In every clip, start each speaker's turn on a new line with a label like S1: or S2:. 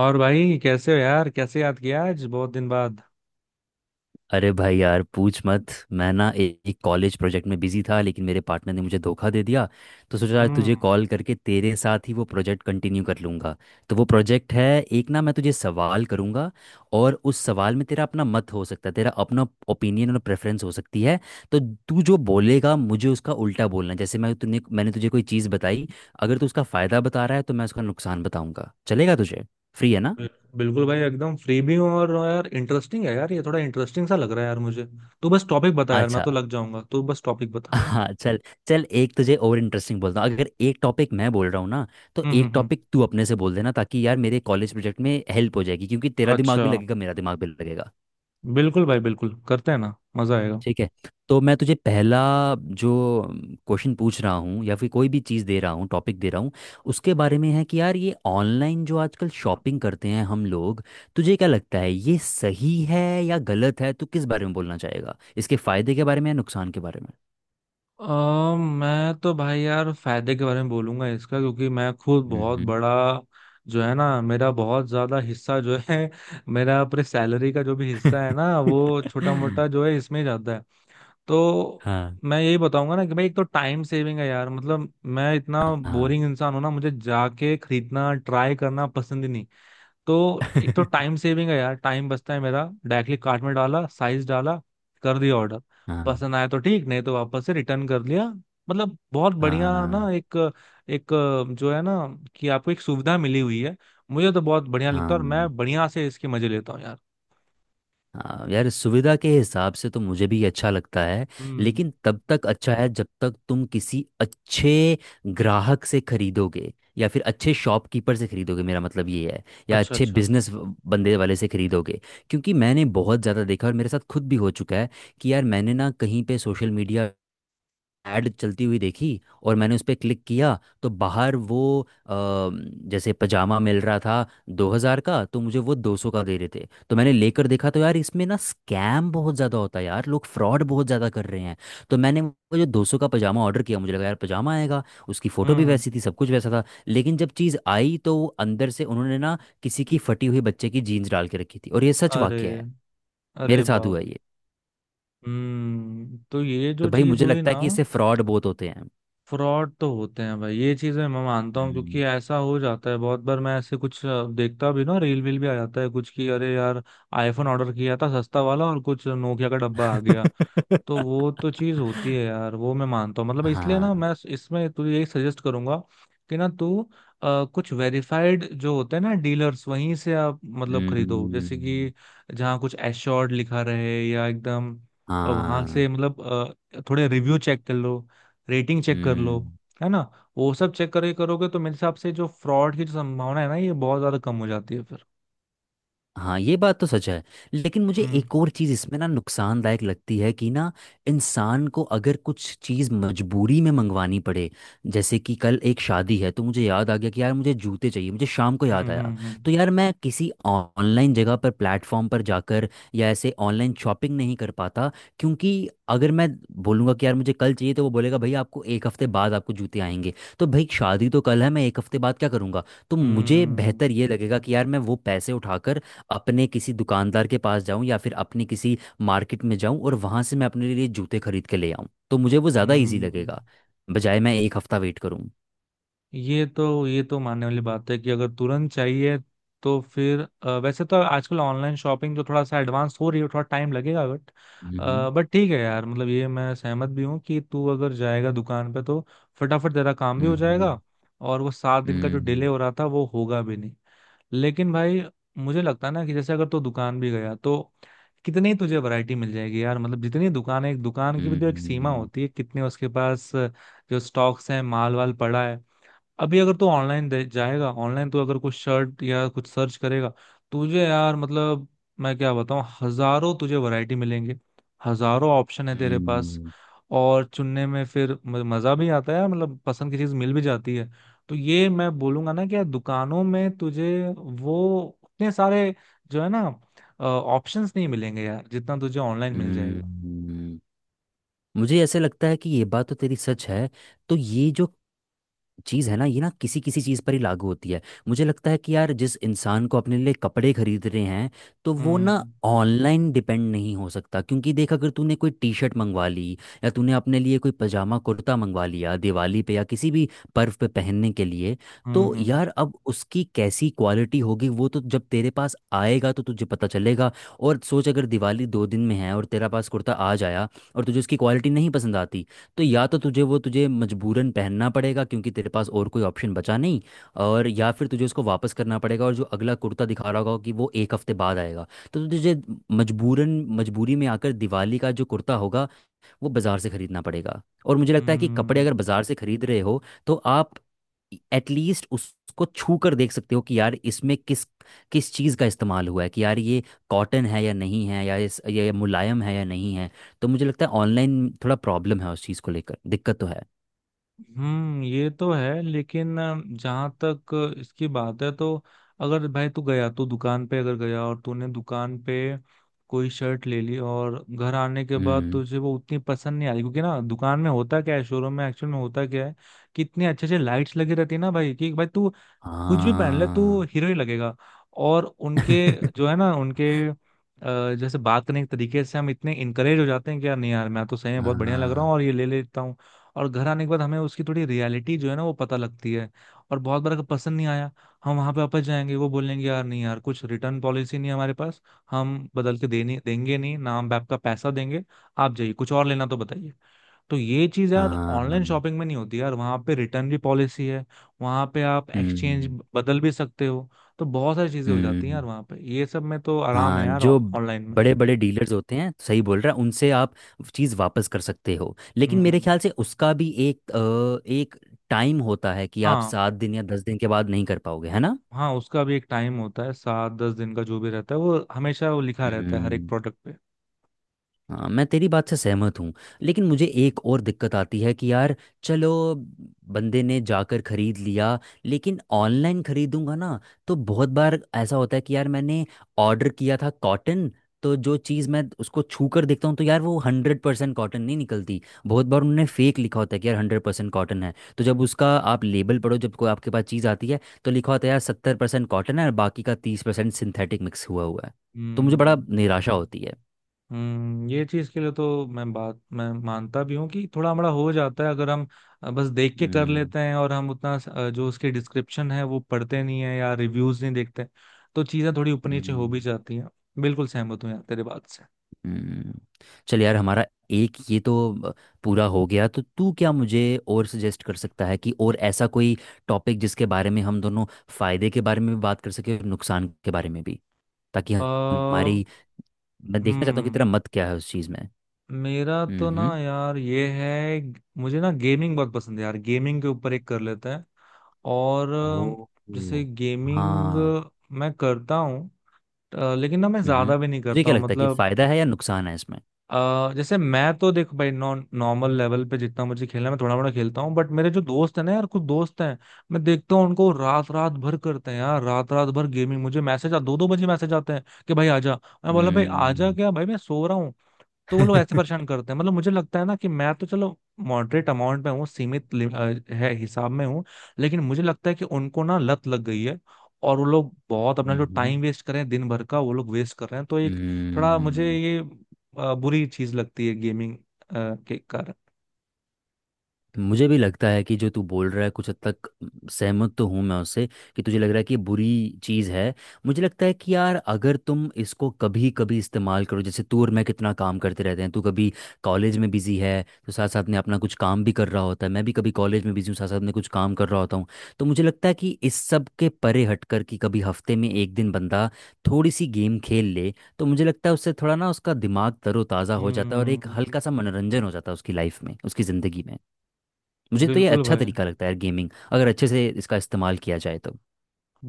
S1: और भाई कैसे हो यार? कैसे याद किया आज बहुत दिन बाद?
S2: अरे भाई यार, पूछ मत। मैं ना एक कॉलेज प्रोजेक्ट में बिजी था लेकिन मेरे पार्टनर ने मुझे धोखा दे दिया। तो सोचा आज तुझे
S1: हम्म।
S2: कॉल करके तेरे साथ ही वो प्रोजेक्ट कंटिन्यू कर लूँगा। तो वो प्रोजेक्ट है एक ना, मैं तुझे सवाल करूँगा। और उस सवाल में तेरा अपना मत हो सकता है, तेरा अपना ओपिनियन और प्रेफरेंस हो सकती है। तो तू जो बोलेगा मुझे उसका उल्टा बोलना है। जैसे मैंने तुझे कोई चीज़ बताई, अगर तू उसका फ़ायदा बता रहा है तो मैं उसका नुकसान बताऊँगा। चलेगा तुझे? फ्री है ना?
S1: बिल- बिल्कुल भाई, एकदम फ्री भी हूँ और यार इंटरेस्टिंग है यार, ये थोड़ा इंटरेस्टिंग सा लग रहा है यार मुझे। तू बस टॉपिक बता यार, मैं
S2: अच्छा।
S1: तो लग जाऊंगा। तू बस टॉपिक बता।
S2: हाँ, चल। चल, एक तुझे और इंटरेस्टिंग बोलता हूँ। अगर एक टॉपिक मैं बोल रहा हूँ ना, तो
S1: हम्म हम्म,
S2: एक
S1: हम्म।
S2: टॉपिक तू अपने से बोल देना, ताकि यार मेरे कॉलेज प्रोजेक्ट में हेल्प हो जाएगी, क्योंकि तेरा दिमाग
S1: अच्छा।
S2: भी लगेगा, मेरा दिमाग भी लगेगा।
S1: बिल्कुल भाई, बिल्कुल करते हैं ना, मजा आएगा।
S2: ठीक है। तो मैं तुझे पहला जो क्वेश्चन पूछ रहा हूँ, या फिर कोई भी चीज़ दे रहा हूँ, टॉपिक दे रहा हूँ, उसके बारे में है कि यार ये ऑनलाइन जो आजकल शॉपिंग करते हैं हम लोग, तुझे क्या लगता है, ये सही है या गलत है? तू किस बारे में बोलना चाहेगा, इसके फायदे के बारे में या नुकसान के बारे में?
S1: मैं तो भाई यार फायदे के बारे में बोलूंगा इसका, क्योंकि मैं खुद बहुत
S2: हम्म।
S1: बड़ा जो है ना, मेरा बहुत ज्यादा हिस्सा जो है मेरा, अपने सैलरी का जो भी हिस्सा है ना वो छोटा मोटा जो है इसमें ही जाता है। तो
S2: हाँ।
S1: मैं यही बताऊंगा ना कि भाई एक तो टाइम सेविंग है यार, मतलब मैं इतना
S2: हाँ।
S1: बोरिंग इंसान हूं ना, मुझे जाके खरीदना ट्राई करना पसंद ही नहीं। तो एक तो टाइम सेविंग है यार, टाइम बचता है मेरा। डायरेक्टली कार्ट में डाला, साइज डाला, कर दिया ऑर्डर।
S2: हाँ।
S1: पसंद आया तो ठीक, नहीं तो वापस से रिटर्न कर लिया। मतलब बहुत बढ़िया ना,
S2: हाँ।
S1: एक एक जो है ना, कि आपको एक सुविधा मिली हुई है। मुझे तो बहुत बढ़िया लगता है और मैं
S2: हाँ।
S1: बढ़िया से इसके मजे लेता हूँ यार।
S2: हाँ, यार सुविधा के हिसाब से तो मुझे भी ये अच्छा लगता है।
S1: हम्म।
S2: लेकिन तब तक अच्छा है जब तक तुम किसी अच्छे ग्राहक से खरीदोगे, या फिर अच्छे शॉपकीपर से खरीदोगे। मेरा मतलब ये है, या
S1: अच्छा,
S2: अच्छे
S1: अच्छा।
S2: बिजनेस बंदे वाले से खरीदोगे। क्योंकि मैंने बहुत ज़्यादा देखा, और मेरे साथ खुद भी हो चुका है कि यार मैंने ना कहीं पे सोशल मीडिया ऐड चलती हुई देखी, और मैंने उस पर क्लिक किया तो बाहर वो अ, जैसे पजामा मिल रहा था 2000 का, तो मुझे वो 200 का दे रहे थे। तो मैंने लेकर देखा तो यार, इसमें ना स्कैम बहुत ज़्यादा होता है यार, लोग फ्रॉड बहुत ज़्यादा कर रहे हैं। तो मैंने वो जो 200 का पजामा ऑर्डर किया, मुझे लगा यार पजामा आएगा। उसकी फ़ोटो भी
S1: हम्म।
S2: वैसी थी, सब कुछ वैसा था। लेकिन जब चीज़ आई तो वो अंदर से उन्होंने ना किसी की फटी हुई बच्चे की जीन्स डाल के रखी थी, और ये सच
S1: अरे,
S2: वाक्य है, मेरे
S1: अरे
S2: साथ
S1: बाप।
S2: हुआ ये।
S1: हम्म, तो ये
S2: तो
S1: जो
S2: भाई,
S1: चीज
S2: मुझे
S1: हुई
S2: लगता
S1: ना,
S2: है कि इससे फ्रॉड बहुत होते हैं।
S1: फ्रॉड तो होते हैं भाई, ये चीज मैं मानता हूँ
S2: हम्म।
S1: क्योंकि ऐसा हो जाता है बहुत बार। मैं ऐसे कुछ देखता भी ना, रील वील भी आ जाता है कुछ कि अरे यार आईफोन ऑर्डर किया था सस्ता वाला और कुछ नोकिया का डब्बा आ गया। तो वो तो चीज होती है यार, वो मैं मानता हूँ। मतलब इसलिए ना,
S2: हाँ।
S1: मैं इसमें तुझे यही सजेस्ट करूंगा कि ना तू कुछ वेरीफाइड जो होते हैं ना डीलर्स, वहीं से आप मतलब खरीदो। जैसे
S2: हम्म।
S1: कि जहाँ कुछ एश्योर्ड लिखा रहे या एकदम, वहां
S2: हाँ।
S1: से मतलब थोड़े रिव्यू चेक कर लो, रेटिंग चेक कर लो,
S2: हम्म।
S1: है ना? वो सब चेक करके करोगे तो मेरे हिसाब से जो फ्रॉड की जो संभावना है ना, ये बहुत ज्यादा कम हो जाती है फिर।
S2: हाँ, ये बात तो सच है। लेकिन मुझे
S1: हम्म
S2: एक और चीज़ इसमें ना नुकसानदायक लगती है कि ना, इंसान को अगर कुछ चीज़ मजबूरी में मंगवानी पड़े। जैसे कि कल एक शादी है, तो मुझे याद आ गया कि यार मुझे जूते चाहिए, मुझे शाम को याद
S1: हम्म,
S2: आया। तो यार मैं किसी ऑनलाइन जगह पर, प्लेटफॉर्म पर जाकर या ऐसे ऑनलाइन शॉपिंग नहीं कर पाता। क्योंकि अगर मैं बोलूँगा कि यार मुझे कल चाहिए, तो वो बोलेगा भाई आपको एक हफ्ते बाद आपको जूते आएंगे। तो भाई शादी तो कल है, मैं एक हफ्ते बाद क्या करूँगा? तो मुझे
S1: हम्म,
S2: बेहतर ये लगेगा कि यार मैं वो पैसे उठाकर अपने किसी दुकानदार के पास जाऊं, या फिर अपने किसी मार्केट में जाऊं और वहां से मैं अपने लिए जूते खरीद के ले आऊं, तो मुझे वो ज़्यादा
S1: हम्म
S2: इजी
S1: हम्म।
S2: लगेगा, बजाय मैं एक हफ्ता वेट करूं।
S1: ये तो मानने वाली बात है कि अगर तुरंत चाहिए, तो फिर वैसे तो आजकल ऑनलाइन शॉपिंग तो थोड़ा सा एडवांस हो रही है, थोड़ा टाइम लगेगा बट।
S2: हम्म।
S1: ठीक है यार, मतलब ये मैं सहमत भी हूँ कि तू अगर जाएगा दुकान पे तो फटाफट तेरा काम भी हो जाएगा,
S2: हम्म।
S1: और वो सात दिन का जो डिले
S2: हम्म।
S1: हो रहा था वो होगा भी नहीं। लेकिन भाई, मुझे लगता है ना कि जैसे अगर तू दुकान भी गया, तो कितनी ही तुझे वैरायटी मिल जाएगी यार? मतलब जितनी दुकान है, एक दुकान की भी तो एक सीमा
S2: हम्म।
S1: होती है कितने उसके पास जो स्टॉक्स हैं, माल वाल पड़ा है। अभी अगर तू ऑनलाइन जाएगा, ऑनलाइन तू अगर कुछ शर्ट या कुछ सर्च करेगा, तुझे यार मतलब मैं क्या बताऊं, हजारों तुझे वैरायटी मिलेंगे। हजारों ऑप्शन है तेरे पास।
S2: हम्म।
S1: और चुनने में फिर मजा भी आता है, मतलब पसंद की चीज मिल भी जाती है। तो ये मैं बोलूंगा ना कि यार दुकानों में तुझे वो उतने सारे जो है ना ऑप्शंस नहीं मिलेंगे यार, जितना तुझे ऑनलाइन मिल जाएगा।
S2: हम्म। मुझे ऐसे लगता है कि ये बात तो तेरी सच है। तो ये जो चीज़ है ना, ये ना किसी किसी चीज़ पर ही लागू होती है। मुझे लगता है कि यार जिस इंसान को अपने लिए कपड़े खरीद रहे हैं, तो वो ना
S1: हम्म
S2: ऑनलाइन डिपेंड नहीं हो सकता। क्योंकि देख, अगर तूने कोई टी शर्ट मंगवा ली, या तूने अपने लिए कोई पजामा कुर्ता मंगवा लिया दिवाली पे या किसी भी पर्व पे पहनने के लिए,
S1: हम्म,
S2: तो यार अब उसकी कैसी क्वालिटी होगी, वो तो जब तेरे पास आएगा तो तुझे पता चलेगा। और सोच, अगर दिवाली दो दिन में है और तेरा पास कुर्ता आज आया, और तुझे उसकी क्वालिटी नहीं पसंद आती, तो या तो तुझे वो तुझे मजबूरन पहनना पड़ेगा क्योंकि तेरे पास और कोई ऑप्शन बचा नहीं, और या फिर तुझे उसको वापस करना पड़ेगा और जो अगला कुर्ता दिखा रहा होगा कि वो एक हफ्ते बाद आएगा। तो तुझे मजबूरन, मजबूरी में आकर दिवाली का जो कुर्ता होगा वो बाज़ार से खरीदना पड़ेगा। और मुझे लगता है कि कपड़े
S1: हम्म,
S2: अगर बाज़ार से खरीद रहे हो, तो आप एटलीस्ट उसको छू कर देख सकते हो कि यार इसमें किस किस चीज़ का इस्तेमाल हुआ है, कि यार ये कॉटन है या नहीं है, या इस ये मुलायम है या नहीं है। तो मुझे लगता है ऑनलाइन थोड़ा प्रॉब्लम है, उस चीज़ को लेकर दिक्कत तो है।
S1: हम्म। ये तो है, लेकिन जहां तक इसकी बात है तो अगर भाई तू गया, तू दुकान पे अगर गया और तूने दुकान पे कोई शर्ट ले ली और घर आने के बाद
S2: हम्म।
S1: तुझे वो उतनी पसंद नहीं आई। क्योंकि ना दुकान में होता क्या है, शोरूम में एक्चुअल में होता क्या है, कितनी अच्छे अच्छे लाइट्स लगी रहती है ना भाई, कि भाई तू कुछ भी पहन ले तो
S2: हाँ।
S1: हीरो ही लगेगा। और उनके जो है ना, उनके जैसे बात करने के तरीके से हम इतने इनकरेज हो जाते हैं कि यार नहीं यार, मैं तो सही में
S2: हाँ।
S1: बहुत बढ़िया लग रहा हूँ
S2: हाँ।
S1: और ये ले लेता हूँ। और घर आने के बाद हमें उसकी थोड़ी रियलिटी जो है ना वो पता लगती है। और बहुत बार अगर पसंद नहीं आया, हम वहां पे वापस जाएंगे, वो बोलेंगे यार नहीं यार कुछ रिटर्न पॉलिसी नहीं है हमारे पास। हम बदल के दे नहीं देंगे, नहीं ना हम आपका पैसा देंगे, आप जाइए, कुछ और लेना तो बताइए। तो ये चीज यार ऑनलाइन
S2: हाँ।
S1: शॉपिंग में नहीं होती यार, वहां पे रिटर्न भी पॉलिसी है, वहां पे आप एक्सचेंज
S2: हम्म।
S1: बदल भी सकते हो। तो बहुत सारी चीजें हो जाती हैं यार
S2: हम्म।
S1: वहां पे, ये सब में तो आराम है
S2: हाँ,
S1: यार
S2: जो
S1: ऑनलाइन में।
S2: बड़े बड़े डीलर्स होते हैं, सही बोल रहा है, उनसे आप चीज़ वापस कर सकते हो। लेकिन मेरे
S1: हम्म।
S2: ख्याल से उसका भी एक एक टाइम होता है कि आप
S1: हाँ,
S2: सात दिन या दस दिन के बाद नहीं कर पाओगे, है ना?
S1: हाँ, उसका भी एक टाइम होता है, सात दस दिन का जो भी रहता है वो हमेशा वो लिखा रहता है हर एक
S2: हम्म।
S1: प्रोडक्ट पे।
S2: हाँ, मैं तेरी बात से सहमत हूँ। लेकिन मुझे एक और दिक्कत आती है कि यार, चलो बंदे ने जाकर खरीद लिया, लेकिन ऑनलाइन खरीदूंगा ना, तो बहुत बार ऐसा होता है कि यार मैंने ऑर्डर किया था कॉटन, तो जो चीज़ मैं उसको छू कर देखता हूँ तो यार वो हंड्रेड परसेंट कॉटन नहीं निकलती। बहुत बार उन्होंने फेक लिखा होता है कि यार हंड्रेड परसेंट कॉटन है, तो जब उसका आप लेबल पढ़ो, जब कोई आपके पास चीज़ आती है, तो लिखा होता है यार सत्तर परसेंट कॉटन है और बाकी का तीस परसेंट सिंथेटिक मिक्स हुआ हुआ है। तो मुझे बड़ा
S1: हम्म
S2: निराशा होती
S1: हम्म, ये चीज के लिए तो मैं बात मैं मानता भी हूँ कि थोड़ा हमारा हो जाता है अगर हम बस देख के कर
S2: है।
S1: लेते हैं और हम उतना जो उसके डिस्क्रिप्शन है वो पढ़ते नहीं है, या रिव्यूज नहीं देखते। तो चीजें थोड़ी ऊपर नीचे हो भी
S2: हम्म।
S1: जाती हैं। बिल्कुल सहमत हूँ यार तेरे बात से।
S2: हम्म। चल यार, हमारा एक ये तो अ, पूरा हो गया। तो तू क्या मुझे और सजेस्ट कर सकता है कि और ऐसा कोई टॉपिक जिसके बारे में हम दोनों फायदे के बारे में भी बात कर सके और नुकसान के बारे में भी, ताकि
S1: अ
S2: हमारी। मैं देखना चाहता हूँ कि
S1: हम्म।
S2: तेरा मत क्या है उस चीज़ में।
S1: मेरा तो ना
S2: हम्म।
S1: यार ये है, मुझे ना गेमिंग बहुत पसंद है यार, गेमिंग के ऊपर एक कर लेते हैं। और
S2: ओ।
S1: जैसे
S2: ओ।
S1: गेमिंग
S2: हाँ।
S1: मैं करता हूँ, लेकिन ना मैं
S2: हम्म,
S1: ज्यादा भी नहीं
S2: तुझे
S1: करता
S2: क्या
S1: हूँ
S2: लगता है कि
S1: मतलब।
S2: फायदा है या नुकसान है इसमें?
S1: जैसे मैं तो देखो भाई, नॉन नॉर्मल लेवल पे जितना मुझे खेलना है, मैं थोड़ा मोड़ा खेलता हूँ, बट मेरे जो दोस्त है ना यार, कुछ दोस्त हैं, मैं देखता हूँ उनको रात रात भर करते हैं यार, रात रात भर गेमिंग। मुझे मैसेज आ, दो दो बजे मैसेज आते हैं कि भाई आजा। मैं बोला भाई आजा
S2: हम्म।
S1: क्या भाई, मैं सो रहा। तो वो लोग ऐसे परेशान करते हैं, मतलब मुझे लगता है ना कि मैं तो चलो मॉडरेट अमाउंट में हूँ, सीमित है, हिसाब में हूँ। लेकिन मुझे लगता है कि उनको ना लत लग गई है, और वो लोग बहुत अपना जो
S2: हम्म।
S1: टाइम वेस्ट कर रहे हैं, दिन भर का वो लोग वेस्ट कर रहे हैं। तो एक थोड़ा मुझे
S2: हम्म।
S1: ये बुरी चीज लगती है गेमिंग के कारण।
S2: मुझे भी लगता है कि जो तू बोल रहा है, कुछ हद तक सहमत तो हूँ मैं उससे, कि तुझे लग रहा है कि ये बुरी चीज़ है। मुझे लगता है कि यार अगर तुम इसको कभी कभी इस्तेमाल करो, जैसे तू और मैं कितना काम करते रहते हैं, तू कभी कॉलेज में बिजी है तो साथ साथ में अपना कुछ काम भी कर रहा होता है, मैं भी कभी कॉलेज में बिजी हूँ, साथ साथ में कुछ काम कर रहा होता हूँ। तो मुझे लगता है कि इस सब के परे हट कर, कि कभी हफ्ते में एक दिन बंदा थोड़ी सी गेम खेल ले, तो मुझे लगता है उससे थोड़ा ना उसका दिमाग तरोताज़ा हो जाता है और एक
S1: हम्म।
S2: हल्का सा मनोरंजन हो जाता है उसकी लाइफ में, उसकी ज़िंदगी में। मुझे तो ये
S1: बिल्कुल
S2: अच्छा
S1: भाई,
S2: तरीका लगता है यार, गेमिंग अगर अच्छे से इसका इस्तेमाल किया जाए तो।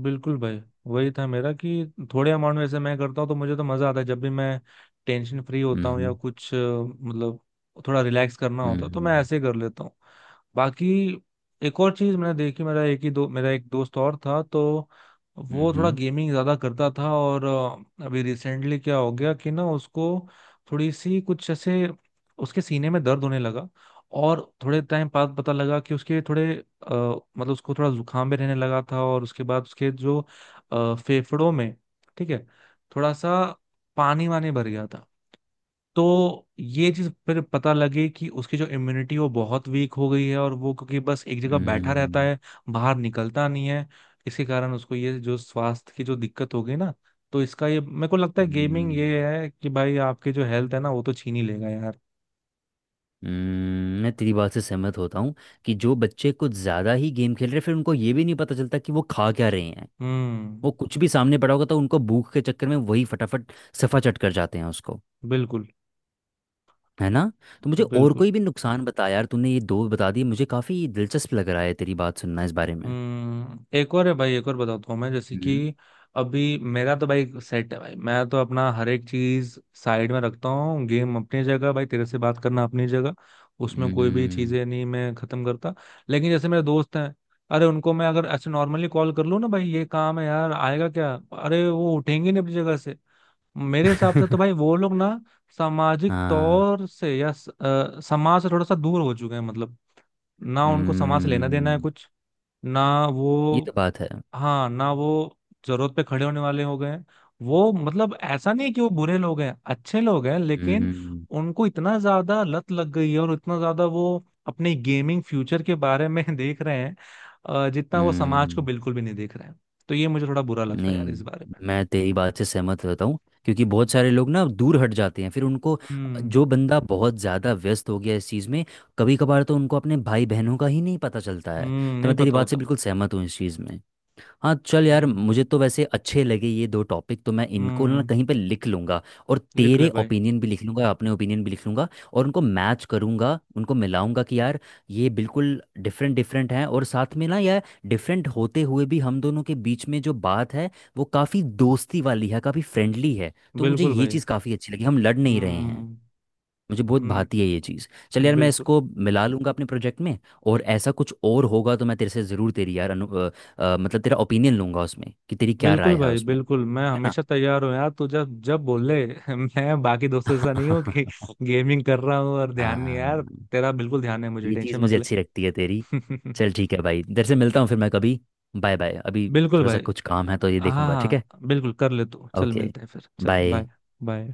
S1: बिल्कुल भाई, वही था मेरा कि थोड़े अमाउंट में से मैं करता हूँ तो मुझे तो मजा आता है, जब भी मैं टेंशन फ्री होता हूँ या
S2: हम्म।
S1: कुछ मतलब थोड़ा रिलैक्स करना होता है, तो मैं
S2: हम्म।
S1: ऐसे ही कर लेता हूँ। बाकी एक और चीज मैंने देखी, मेरा एक दोस्त और था, तो वो थोड़ा
S2: हम्म।
S1: गेमिंग ज्यादा करता था और अभी रिसेंटली क्या हो गया कि ना उसको थोड़ी सी कुछ ऐसे उसके सीने में दर्द होने लगा। और थोड़े टाइम बाद पता लगा कि उसके थोड़े मतलब उसको थोड़ा जुकाम भी रहने लगा था, और उसके बाद उसके जो फेफड़ों में, ठीक है, थोड़ा सा पानी वानी भर गया था। तो ये चीज फिर पता लगी कि उसकी जो इम्यूनिटी वो बहुत वीक हो गई है, और वो क्योंकि बस एक जगह बैठा रहता
S2: हम्म।
S1: है, बाहर निकलता नहीं है, इसी कारण उसको ये जो स्वास्थ्य की जो दिक्कत हो गई ना। तो इसका ये मेरे को लगता है गेमिंग,
S2: हम्म।
S1: ये है कि भाई आपके जो हेल्थ है ना वो तो छीन ही लेगा यार।
S2: मैं तेरी बात से सहमत होता हूँ कि जो बच्चे कुछ ज़्यादा ही गेम खेल रहे हैं, फिर उनको ये भी नहीं पता चलता कि वो खा क्या रहे हैं। वो
S1: हम्म।
S2: कुछ भी सामने पड़ा होगा तो उनको भूख के चक्कर में वही फटाफट सफा चट कर जाते हैं उसको।
S1: बिल्कुल,
S2: है ना? तो मुझे और
S1: बिल्कुल।
S2: कोई भी नुकसान बता यार, तूने ये दो बता दिए, मुझे काफ़ी दिलचस्प लग रहा है तेरी बात सुनना इस बारे में।
S1: हम्म, एक और है भाई, एक और बताता हूँ मैं, जैसे
S2: हम्म।
S1: कि अभी मेरा तो भाई सेट है भाई, मैं तो अपना हर एक चीज साइड में रखता हूँ। गेम अपनी जगह, भाई तेरे से बात करना अपनी जगह, उसमें कोई भी
S2: हम्म।
S1: चीजें नहीं, मैं खत्म करता। लेकिन जैसे मेरे दोस्त हैं, अरे उनको मैं अगर ऐसे नॉर्मली कॉल कर लूँ ना, भाई ये काम है यार आएगा क्या, अरे वो उठेंगे नहीं अपनी जगह से। मेरे हिसाब से तो भाई वो लोग ना सामाजिक
S2: हाँ।
S1: तौर से या समाज से थोड़ा सा दूर हो चुके हैं मतलब। ना उनको समाज से लेना देना है
S2: हम्म।
S1: कुछ, ना वो,
S2: ये तो बात है।
S1: हाँ ना, वो जरूरत पे खड़े होने वाले हो गए हैं। वो मतलब ऐसा नहीं है कि वो बुरे लोग हैं, अच्छे लोग हैं, लेकिन
S2: हम्म।
S1: उनको इतना ज्यादा लत लग गई है और इतना ज्यादा वो अपने गेमिंग फ्यूचर के बारे में देख रहे हैं, जितना वो समाज को
S2: हम्म।
S1: बिल्कुल भी नहीं देख रहे हैं। तो ये मुझे थोड़ा बुरा लगता है यार इस
S2: नहीं,
S1: बारे में।
S2: मैं तेरी बात से सहमत रहता हूँ, क्योंकि बहुत सारे लोग ना दूर हट जाते हैं, फिर उनको,
S1: हम्म
S2: जो बंदा बहुत ज़्यादा व्यस्त हो गया इस चीज़ में, कभी कभार तो उनको अपने भाई बहनों का ही नहीं पता चलता है।
S1: हम्म,
S2: तो
S1: नहीं
S2: मैं तेरी
S1: पता
S2: बात से
S1: होता।
S2: बिल्कुल सहमत हूँ इस चीज़ में। हाँ, चल यार,
S1: हम्म
S2: मुझे तो वैसे अच्छे लगे ये दो टॉपिक, तो मैं इनको ना
S1: हम्म,
S2: कहीं पे लिख लूंगा। और
S1: लिख
S2: तेरे
S1: ले भाई।
S2: ओपिनियन भी लिख लूंगा, अपने ओपिनियन भी लिख लूंगा, और उनको मैच करूंगा, उनको मिलाऊंगा, कि यार ये बिल्कुल डिफरेंट डिफरेंट हैं, और साथ में ना यार, डिफरेंट होते हुए भी हम दोनों के बीच में जो बात है, वो काफ़ी दोस्ती वाली है, काफ़ी फ्रेंडली है। तो मुझे
S1: बिल्कुल
S2: ये
S1: भाई।
S2: चीज़ काफ़ी अच्छी लगी, हम लड़ नहीं रहे हैं।
S1: हम्म
S2: मुझे बहुत
S1: हम्म।
S2: भाती है ये चीज़। चल यार, मैं
S1: बिल्कुल,
S2: इसको मिला लूंगा अपने प्रोजेक्ट में। और ऐसा कुछ और होगा तो मैं तेरे से ज़रूर तेरी यार मतलब तेरा ओपिनियन लूंगा उसमें, कि तेरी क्या
S1: बिल्कुल
S2: राय है
S1: भाई,
S2: उसमें,
S1: बिल्कुल, मैं
S2: ठीक है ना?
S1: हमेशा तैयार हूँ यार, तू जब जब बोल ले। मैं बाकी दोस्तों जैसा नहीं हूँ कि गेमिंग कर रहा हूँ और ध्यान नहीं है
S2: हाँ,
S1: यार। तेरा बिल्कुल ध्यान है, मुझे
S2: ये चीज़
S1: टेंशन मत
S2: मुझे
S1: ले।
S2: अच्छी लगती है तेरी। चल ठीक है भाई, तेरे से मिलता हूँ फिर मैं कभी। बाय बाय अभी,
S1: बिल्कुल
S2: थोड़ा
S1: भाई।
S2: सा कुछ काम है तो ये
S1: हाँ
S2: देखूंगा, ठीक है।
S1: हाँ, बिल्कुल, कर ले तू, चल
S2: ओके।
S1: मिलते हैं फिर, चल
S2: बाय।
S1: Bye, bye.